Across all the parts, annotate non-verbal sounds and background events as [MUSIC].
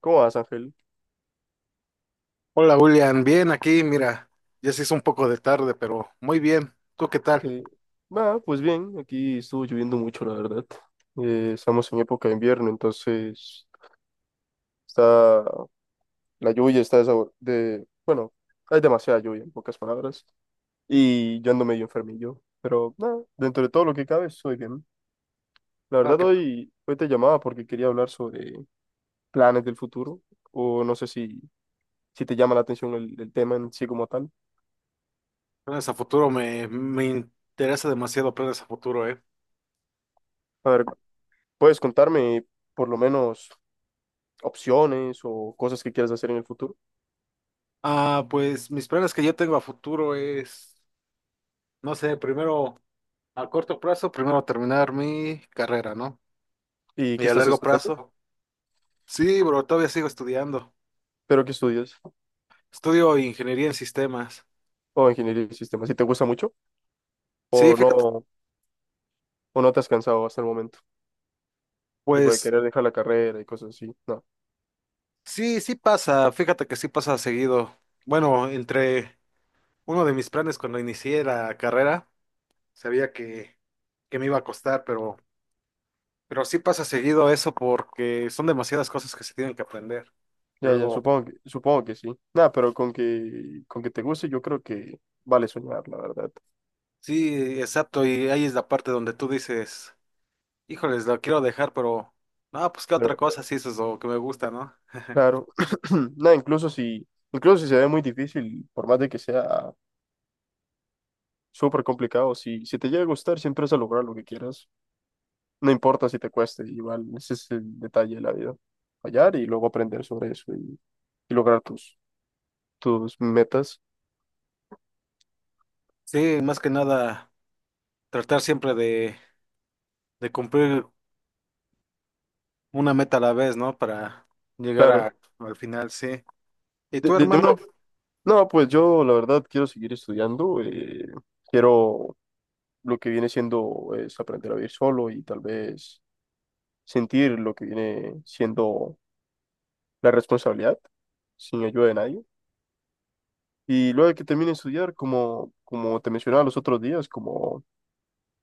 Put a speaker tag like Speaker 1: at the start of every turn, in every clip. Speaker 1: ¿Cómo vas, Ángel?
Speaker 2: Hola William, bien aquí, mira, ya se hizo un poco de tarde, pero muy bien. ¿Tú qué tal?
Speaker 1: Eh, pues bien, aquí estuvo lloviendo mucho, la verdad. Estamos en época de invierno, entonces está la lluvia está de- bueno, hay demasiada lluvia, en pocas palabras, y yo ando medio enfermillo, pero nada, dentro de todo lo que cabe, estoy bien. La
Speaker 2: Ah,
Speaker 1: verdad,
Speaker 2: que
Speaker 1: hoy te llamaba porque quería hablar sobre planes del futuro, o no sé si te llama la atención el tema en sí como tal.
Speaker 2: planes a futuro me interesa demasiado planes a futuro, ¿eh?
Speaker 1: A ver, ¿puedes contarme por lo menos opciones o cosas que quieras hacer en el futuro
Speaker 2: Ah, pues mis planes que yo tengo a futuro es, no sé, primero a corto plazo, primero terminar mi carrera, ¿no?
Speaker 1: y
Speaker 2: Y
Speaker 1: que
Speaker 2: a
Speaker 1: estás
Speaker 2: largo
Speaker 1: estudiando,
Speaker 2: plazo. Sí, bro, todavía sigo estudiando.
Speaker 1: pero que estudias
Speaker 2: Estudio ingeniería en sistemas.
Speaker 1: o ingeniería de sistemas, si te gusta mucho
Speaker 2: Sí,
Speaker 1: o
Speaker 2: fíjate,
Speaker 1: no, o no te has cansado hasta el momento, tipo de
Speaker 2: pues
Speaker 1: querer dejar la carrera y cosas así? No,
Speaker 2: sí, sí pasa, fíjate que sí pasa seguido. Bueno, entre Uno de mis planes cuando inicié la carrera, sabía que me iba a costar, pero sí pasa seguido eso porque son demasiadas cosas que se tienen que aprender. Y
Speaker 1: ya, ya,
Speaker 2: luego,
Speaker 1: supongo supongo que sí. Nada, pero con que te guste, yo creo que vale soñar, la verdad.
Speaker 2: sí, exacto, y ahí es la parte donde tú dices, híjoles, lo quiero dejar, pero no, pues qué otra
Speaker 1: Pero
Speaker 2: cosa, sí, eso es lo que me gusta, ¿no?
Speaker 1: claro, [CLEARS THROAT] nada, incluso si se ve muy difícil, por más de que sea súper complicado, si te llega a gustar, siempre vas a lograr lo que quieras. No importa si te cueste, igual ese es el detalle de la vida. Fallar y luego aprender sobre eso y lograr tus metas.
Speaker 2: Sí, más que nada, tratar siempre de cumplir una meta a la vez, ¿no? Para llegar
Speaker 1: Claro.
Speaker 2: al final, sí. ¿Y
Speaker 1: De-
Speaker 2: tú,
Speaker 1: de- de una-
Speaker 2: hermano?
Speaker 1: no, pues yo la verdad quiero seguir estudiando. Quiero lo que viene siendo es aprender a vivir solo y tal vez sentir lo que viene siendo la responsabilidad sin ayuda de nadie. Y luego que termine de estudiar, como te mencionaba los otros días, como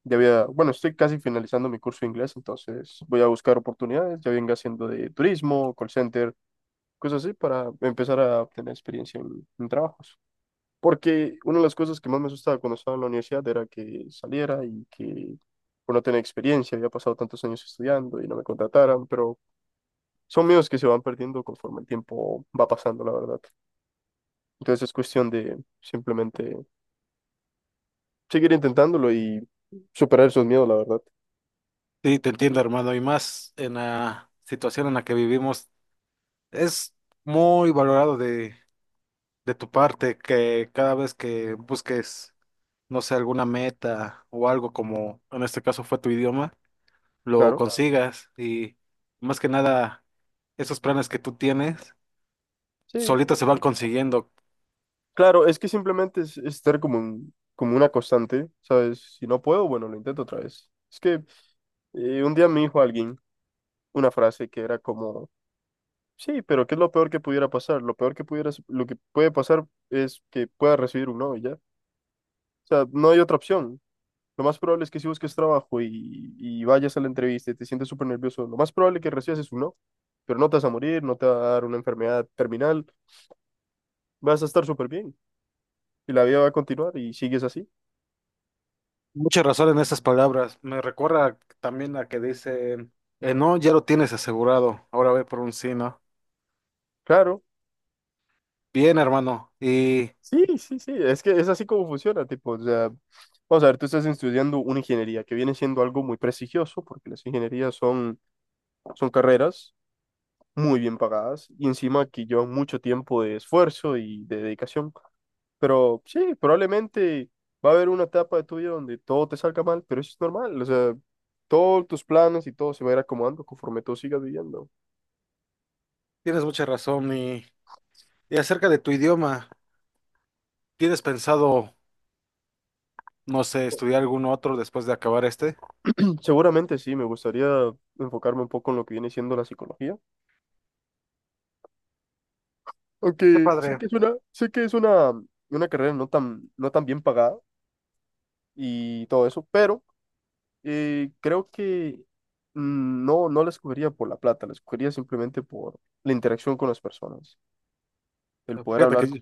Speaker 1: ya había, bueno, estoy casi finalizando mi curso de inglés, entonces voy a buscar oportunidades, ya venga haciendo de turismo, call center, cosas así, para empezar a obtener experiencia en trabajos. Porque una de las cosas que más me asustaba cuando estaba en la universidad era que saliera y que por no tener experiencia, había pasado tantos años estudiando y no me contrataran, pero son miedos que se van perdiendo conforme el tiempo va pasando, la verdad. Entonces es cuestión de simplemente seguir intentándolo y superar esos miedos, la verdad.
Speaker 2: Sí, te entiendo, hermano, y más en la situación en la que vivimos, es muy valorado de tu parte que cada vez que busques, no sé, alguna meta o algo como en este caso fue tu idioma, lo
Speaker 1: Claro.
Speaker 2: consigas y más que nada esos planes que tú tienes
Speaker 1: Sí.
Speaker 2: solitos se van consiguiendo.
Speaker 1: Claro, es que simplemente es estar como, como una constante, ¿sabes? Si no puedo, bueno, lo intento otra vez. Es que un día me dijo alguien una frase que era como, sí, pero ¿qué es lo peor que pudiera pasar? Lo peor que pudiera, lo que puede pasar es que puedas recibir un no y ya. O sea, no hay otra opción. Lo más probable es que si busques trabajo y vayas a la entrevista y te sientes súper nervioso, lo más probable que recibas es un no, pero no te vas a morir, no te va a dar una enfermedad terminal, vas a estar súper bien y la vida va a continuar y sigues así.
Speaker 2: Mucha razón en esas palabras, me recuerda también a que dicen, no, ya lo tienes asegurado, ahora ve por un sí, ¿no?
Speaker 1: Claro.
Speaker 2: Bien, hermano, y...
Speaker 1: Sí, sí, sí, es que es así como funciona, tipo, o sea, vamos a ver, tú estás estudiando una ingeniería que viene siendo algo muy prestigioso, porque las ingenierías son, son carreras muy bien pagadas y encima que llevan mucho tiempo de esfuerzo y de dedicación, pero sí, probablemente va a haber una etapa de tu vida donde todo te salga mal, pero eso es normal, o sea, todos tus planes y todo se va a ir acomodando conforme tú sigas viviendo.
Speaker 2: Tienes mucha razón y acerca de tu idioma, ¿tienes pensado, no sé, estudiar algún otro después de acabar este?
Speaker 1: Seguramente sí, me gustaría enfocarme un poco en lo que viene siendo la psicología.
Speaker 2: Qué
Speaker 1: Aunque sé
Speaker 2: padre.
Speaker 1: que es sé que es una carrera no no tan bien pagada y todo eso, pero creo que no, no la escogería por la plata, la escogería simplemente por la interacción con las personas, el poder
Speaker 2: Fíjate que,
Speaker 1: hablar con...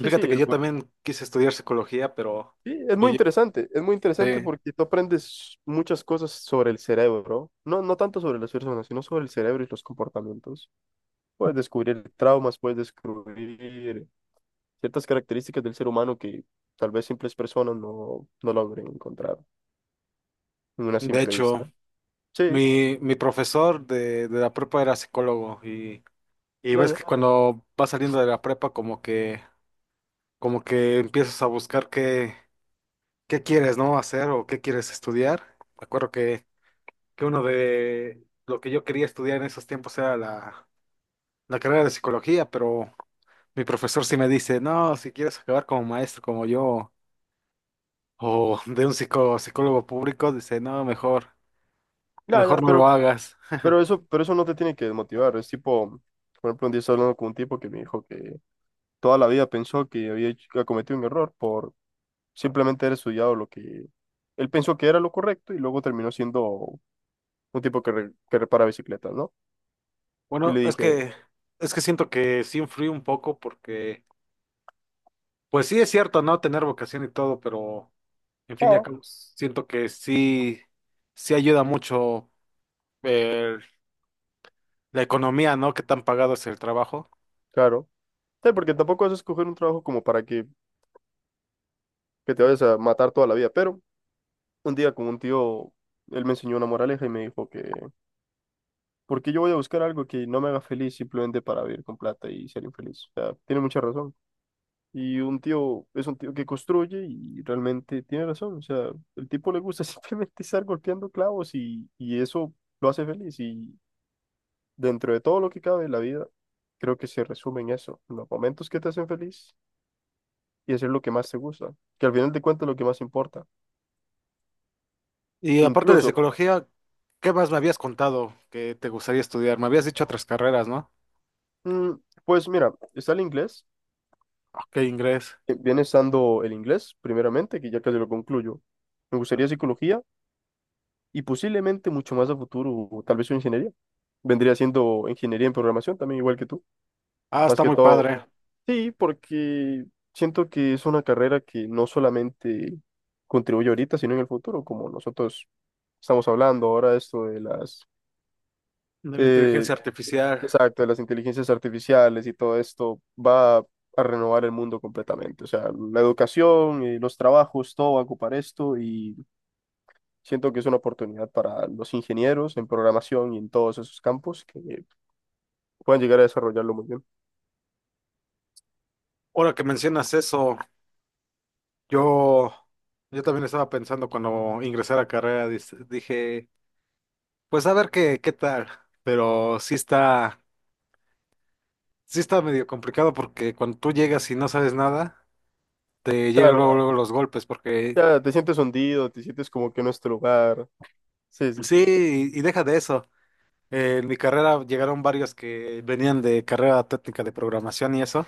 Speaker 1: Sí, sí,
Speaker 2: que yo también quise estudiar psicología, pero
Speaker 1: sí,
Speaker 2: me lle-
Speaker 1: es muy interesante
Speaker 2: sí,
Speaker 1: porque tú aprendes muchas cosas sobre el cerebro, no, no tanto sobre las personas, sino sobre el cerebro y los comportamientos. Puedes descubrir traumas, puedes descubrir ciertas características del ser humano que tal vez simples personas no logren encontrar en una
Speaker 2: de
Speaker 1: simple
Speaker 2: hecho,
Speaker 1: vista. Sí,
Speaker 2: mi profesor de la prepa era psicólogo y
Speaker 1: ya,
Speaker 2: ves
Speaker 1: ya,
Speaker 2: que cuando vas saliendo de la prepa como que empiezas a buscar qué quieres, ¿no?, hacer o qué quieres estudiar. Me acuerdo que uno de lo que yo quería estudiar en esos tiempos era la carrera de psicología, pero mi profesor sí me dice, no, si quieres acabar como maestro como yo, o de un psicólogo público, dice, no, mejor,
Speaker 1: ya, ya,
Speaker 2: mejor no lo hagas.
Speaker 1: pero eso no te tiene que desmotivar. Es tipo, por ejemplo, un día estaba hablando con un tipo que me dijo que toda la vida pensó que que cometido un error por simplemente haber estudiado lo que él pensó que era lo correcto y luego terminó siendo un tipo que repara bicicletas, ¿no? Y
Speaker 2: Bueno,
Speaker 1: le
Speaker 2: es
Speaker 1: dije,
Speaker 2: que, es que siento que sí influí un poco porque, pues sí es cierto, ¿no? Tener vocación y todo, pero en fin y al
Speaker 1: ah,
Speaker 2: siento que sí, sí ayuda mucho eh, la economía, ¿no? Qué tan pagado es el trabajo.
Speaker 1: claro. Sí, porque tampoco vas a escoger un trabajo como para que te vayas a matar toda la vida, pero un día con un tío, él me enseñó una moraleja y me dijo que, ¿por qué yo voy a buscar algo que no me haga feliz simplemente para vivir con plata y ser infeliz? O sea, tiene mucha razón. Y un tío es un tío que construye y realmente tiene razón. O sea, el tipo le gusta [LAUGHS] simplemente estar golpeando clavos y eso lo hace feliz. Y dentro de todo lo que cabe en la vida, creo que se resume en eso, en los momentos que te hacen feliz y hacer lo que más te gusta, que al final de cuentas es lo que más importa.
Speaker 2: Y aparte de
Speaker 1: Incluso,
Speaker 2: psicología, ¿qué más me habías contado que te gustaría estudiar? Me habías dicho otras carreras, ¿no?
Speaker 1: mm, pues mira, está el inglés.
Speaker 2: Ok, inglés.
Speaker 1: Viene estando el inglés, primeramente, que ya casi lo concluyo. Me gustaría psicología y posiblemente mucho más a futuro, o tal vez una ingeniería. Vendría siendo ingeniería en programación también, igual que tú.
Speaker 2: Ah,
Speaker 1: Más
Speaker 2: está
Speaker 1: que
Speaker 2: muy
Speaker 1: todo,
Speaker 2: padre.
Speaker 1: sí, porque siento que es una carrera que no solamente contribuye ahorita, sino en el futuro, como nosotros estamos hablando ahora, esto de las...
Speaker 2: De la
Speaker 1: Eh,
Speaker 2: inteligencia artificial.
Speaker 1: exacto, de las inteligencias artificiales y todo esto va a renovar el mundo completamente. O sea, la educación y los trabajos, todo va a ocupar esto y siento que es una oportunidad para los ingenieros en programación y en todos esos campos que puedan llegar a desarrollarlo muy bien.
Speaker 2: Ahora que mencionas eso, yo, yo también estaba pensando cuando ingresé a la carrera, dije, pues a ver qué tal. Pero sí está medio complicado porque cuando tú llegas y no sabes nada, te llegan
Speaker 1: Claro,
Speaker 2: luego, luego los golpes, porque
Speaker 1: ya te sientes hundido, te sientes como que no es tu lugar. Sí, sí, sí.
Speaker 2: sí, y deja de eso. En mi carrera llegaron varios que venían de carrera técnica de programación y eso,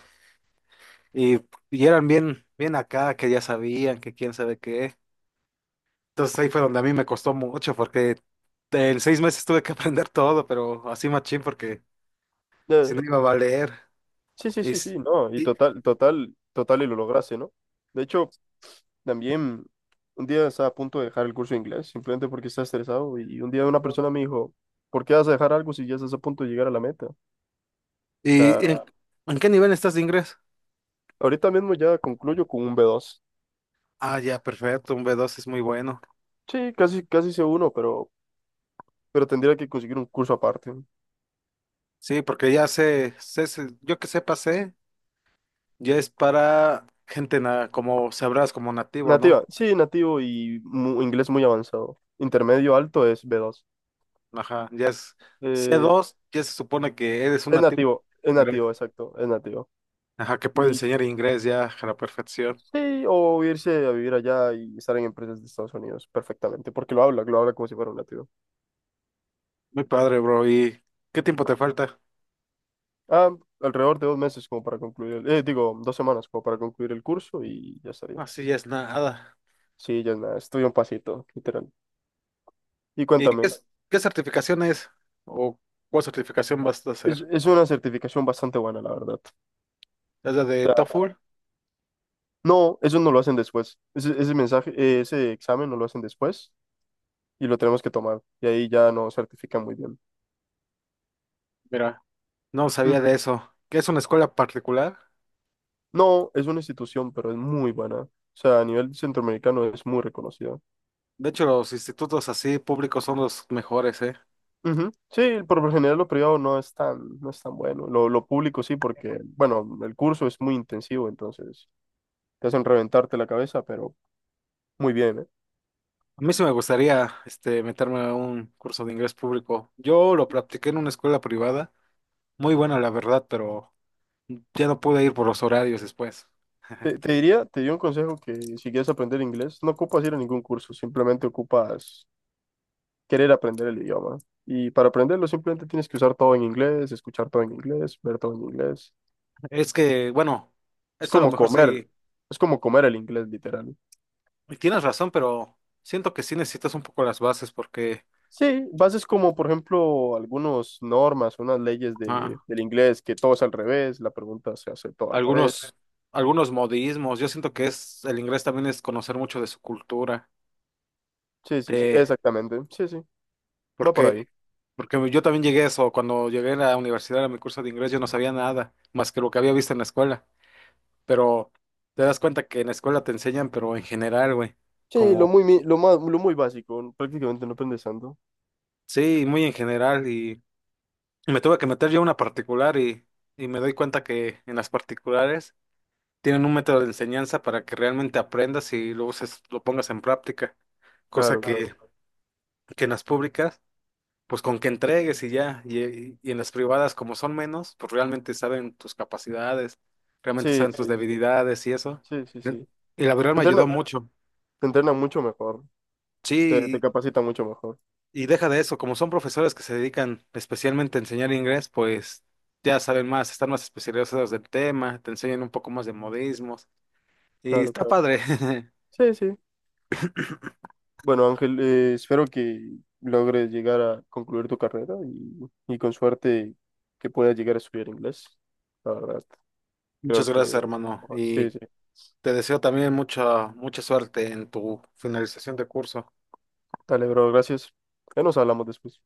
Speaker 2: y, y eran bien, bien acá, que ya sabían, que quién sabe qué. Entonces ahí fue donde a mí me costó mucho, porque en 6 meses tuve que [LAUGHS] aprender todo, pero así machín, porque si
Speaker 1: Ya,
Speaker 2: no iba a valer.
Speaker 1: sí, sí,
Speaker 2: Y,
Speaker 1: sí,
Speaker 2: s-
Speaker 1: sí, no, y
Speaker 2: y,
Speaker 1: total, total, total, y lo lograste, ¿no? De hecho, también un día estaba a punto de dejar el curso de inglés, simplemente porque estaba estresado. Y un día una persona me dijo, ¿por qué vas a dejar algo si ya estás a punto de llegar a la meta? O sea,
Speaker 2: y en, ¿En qué nivel estás de inglés?
Speaker 1: ahorita mismo ya concluyo con un B2.
Speaker 2: Ah, ya, perfecto, un B2 es muy bueno.
Speaker 1: Sí, casi, casi C1, pero tendría que conseguir un curso aparte.
Speaker 2: Sí, porque yo que sé, pasé, ya es para gente como sabrás, como nativo, ¿no?
Speaker 1: Nativa, sí, nativo y inglés muy avanzado. Intermedio alto es B2.
Speaker 2: Ajá, ya es c
Speaker 1: Eh,
Speaker 2: dos ya se supone que eres
Speaker 1: es
Speaker 2: una tip
Speaker 1: nativo, es
Speaker 2: inglés.
Speaker 1: nativo, exacto, es nativo.
Speaker 2: Ajá, que puede
Speaker 1: Y
Speaker 2: enseñar inglés ya a la perfección.
Speaker 1: sí, o irse a vivir allá y estar en empresas de Estados Unidos perfectamente, porque lo habla como si fuera un nativo.
Speaker 2: Muy padre, bro. ¿Y qué tiempo te falta?
Speaker 1: Ah, alrededor de 2 meses como para concluir el, digo, 2 semanas como para concluir el curso y ya estaría.
Speaker 2: Así ya es nada.
Speaker 1: Sí, ya es nada, estoy un pasito, literal. Y
Speaker 2: ¿Y
Speaker 1: cuéntame,
Speaker 2: qué certificación es? ¿O cuál certificación vas a hacer?
Speaker 1: es una certificación bastante buena, la verdad.
Speaker 2: ¿Es la
Speaker 1: O
Speaker 2: de
Speaker 1: sea,
Speaker 2: TOEFL?
Speaker 1: no, eso no lo hacen después. Ese mensaje, ese examen no lo hacen después y lo tenemos que tomar. Y ahí ya no certifican muy bien.
Speaker 2: Mira, no sabía de
Speaker 1: Ujú.
Speaker 2: eso. ¿Qué es una escuela particular?
Speaker 1: No, es una institución, pero es muy buena. O sea, a nivel centroamericano es muy reconocida.
Speaker 2: De hecho, los institutos así públicos son los mejores, ¿eh?
Speaker 1: Ujú. Sí, por lo general lo privado no es no es tan bueno. Lo público sí, porque, bueno, el curso es muy intensivo, entonces te hacen reventarte la cabeza, pero muy bien, ¿eh?
Speaker 2: A mí sí me gustaría, este, meterme a un curso de inglés público. Yo lo practiqué en una escuela privada. Muy buena la verdad, pero ya no pude ir por los horarios después.
Speaker 1: Te diría, te di un consejo que si quieres aprender inglés, no ocupas ir a ningún curso, simplemente ocupas querer aprender el idioma. Y para aprenderlo simplemente tienes que usar todo en inglés, escuchar todo en inglés, ver todo en inglés.
Speaker 2: Es que, bueno,
Speaker 1: Es
Speaker 2: eso a lo
Speaker 1: como
Speaker 2: mejor
Speaker 1: comer,
Speaker 2: sí,
Speaker 1: es como comer el inglés, literal.
Speaker 2: y tienes razón, pero siento que sí necesitas un poco las bases porque
Speaker 1: Sí, bases como, por ejemplo, algunas normas, unas leyes
Speaker 2: ah,
Speaker 1: del inglés, que todo es al revés, la pregunta se hace todo al revés.
Speaker 2: algunos, algunos modismos, yo siento que es, el inglés también es conocer mucho de su cultura,
Speaker 1: Sí, sí, sí,
Speaker 2: eh,
Speaker 1: exactamente. Sí, sí, va por
Speaker 2: porque,
Speaker 1: ahí.
Speaker 2: porque yo también llegué a eso, cuando llegué a la universidad a mi curso de inglés yo no sabía nada, más que lo que había visto en la escuela, pero te das cuenta que en la escuela te enseñan, pero en general, güey,
Speaker 1: Sí,
Speaker 2: como,
Speaker 1: lo más, lo muy básico, ¿no? Prácticamente no aprendes tanto.
Speaker 2: sí, muy en general y... Me tuve que meter yo a una particular y me doy cuenta que en las particulares tienen un método de enseñanza para que realmente aprendas y lo uses, lo pongas en práctica, cosa,
Speaker 1: Claro, claro.
Speaker 2: Claro, que en las públicas, pues con que entregues y ya, y en las privadas como son menos, pues realmente saben tus capacidades, realmente
Speaker 1: Sí,
Speaker 2: saben tus
Speaker 1: sí, sí,
Speaker 2: debilidades y eso.
Speaker 1: sí, sí, sí.
Speaker 2: Y la verdad
Speaker 1: Te
Speaker 2: me ayudó,
Speaker 1: entrena,
Speaker 2: Claro, mucho.
Speaker 1: te entrena mucho mejor, te
Speaker 2: Sí,
Speaker 1: capacita mucho mejor.
Speaker 2: y deja de eso, como son profesores que se dedican especialmente a enseñar inglés, pues ya saben más, están más especializados del tema, te enseñan un poco más de modismos y
Speaker 1: Claro,
Speaker 2: está
Speaker 1: claro.
Speaker 2: padre. [LAUGHS]
Speaker 1: Sí, sí. Bueno, Ángel, espero que logres llegar a concluir tu carrera y con suerte que puedas llegar a estudiar inglés. La verdad. Creo
Speaker 2: Muchas gracias,
Speaker 1: que...
Speaker 2: hermano,
Speaker 1: Sí,
Speaker 2: y
Speaker 1: sí.
Speaker 2: te deseo también mucha suerte en tu finalización de curso.
Speaker 1: Dale, bro, gracias. Ya nos hablamos después.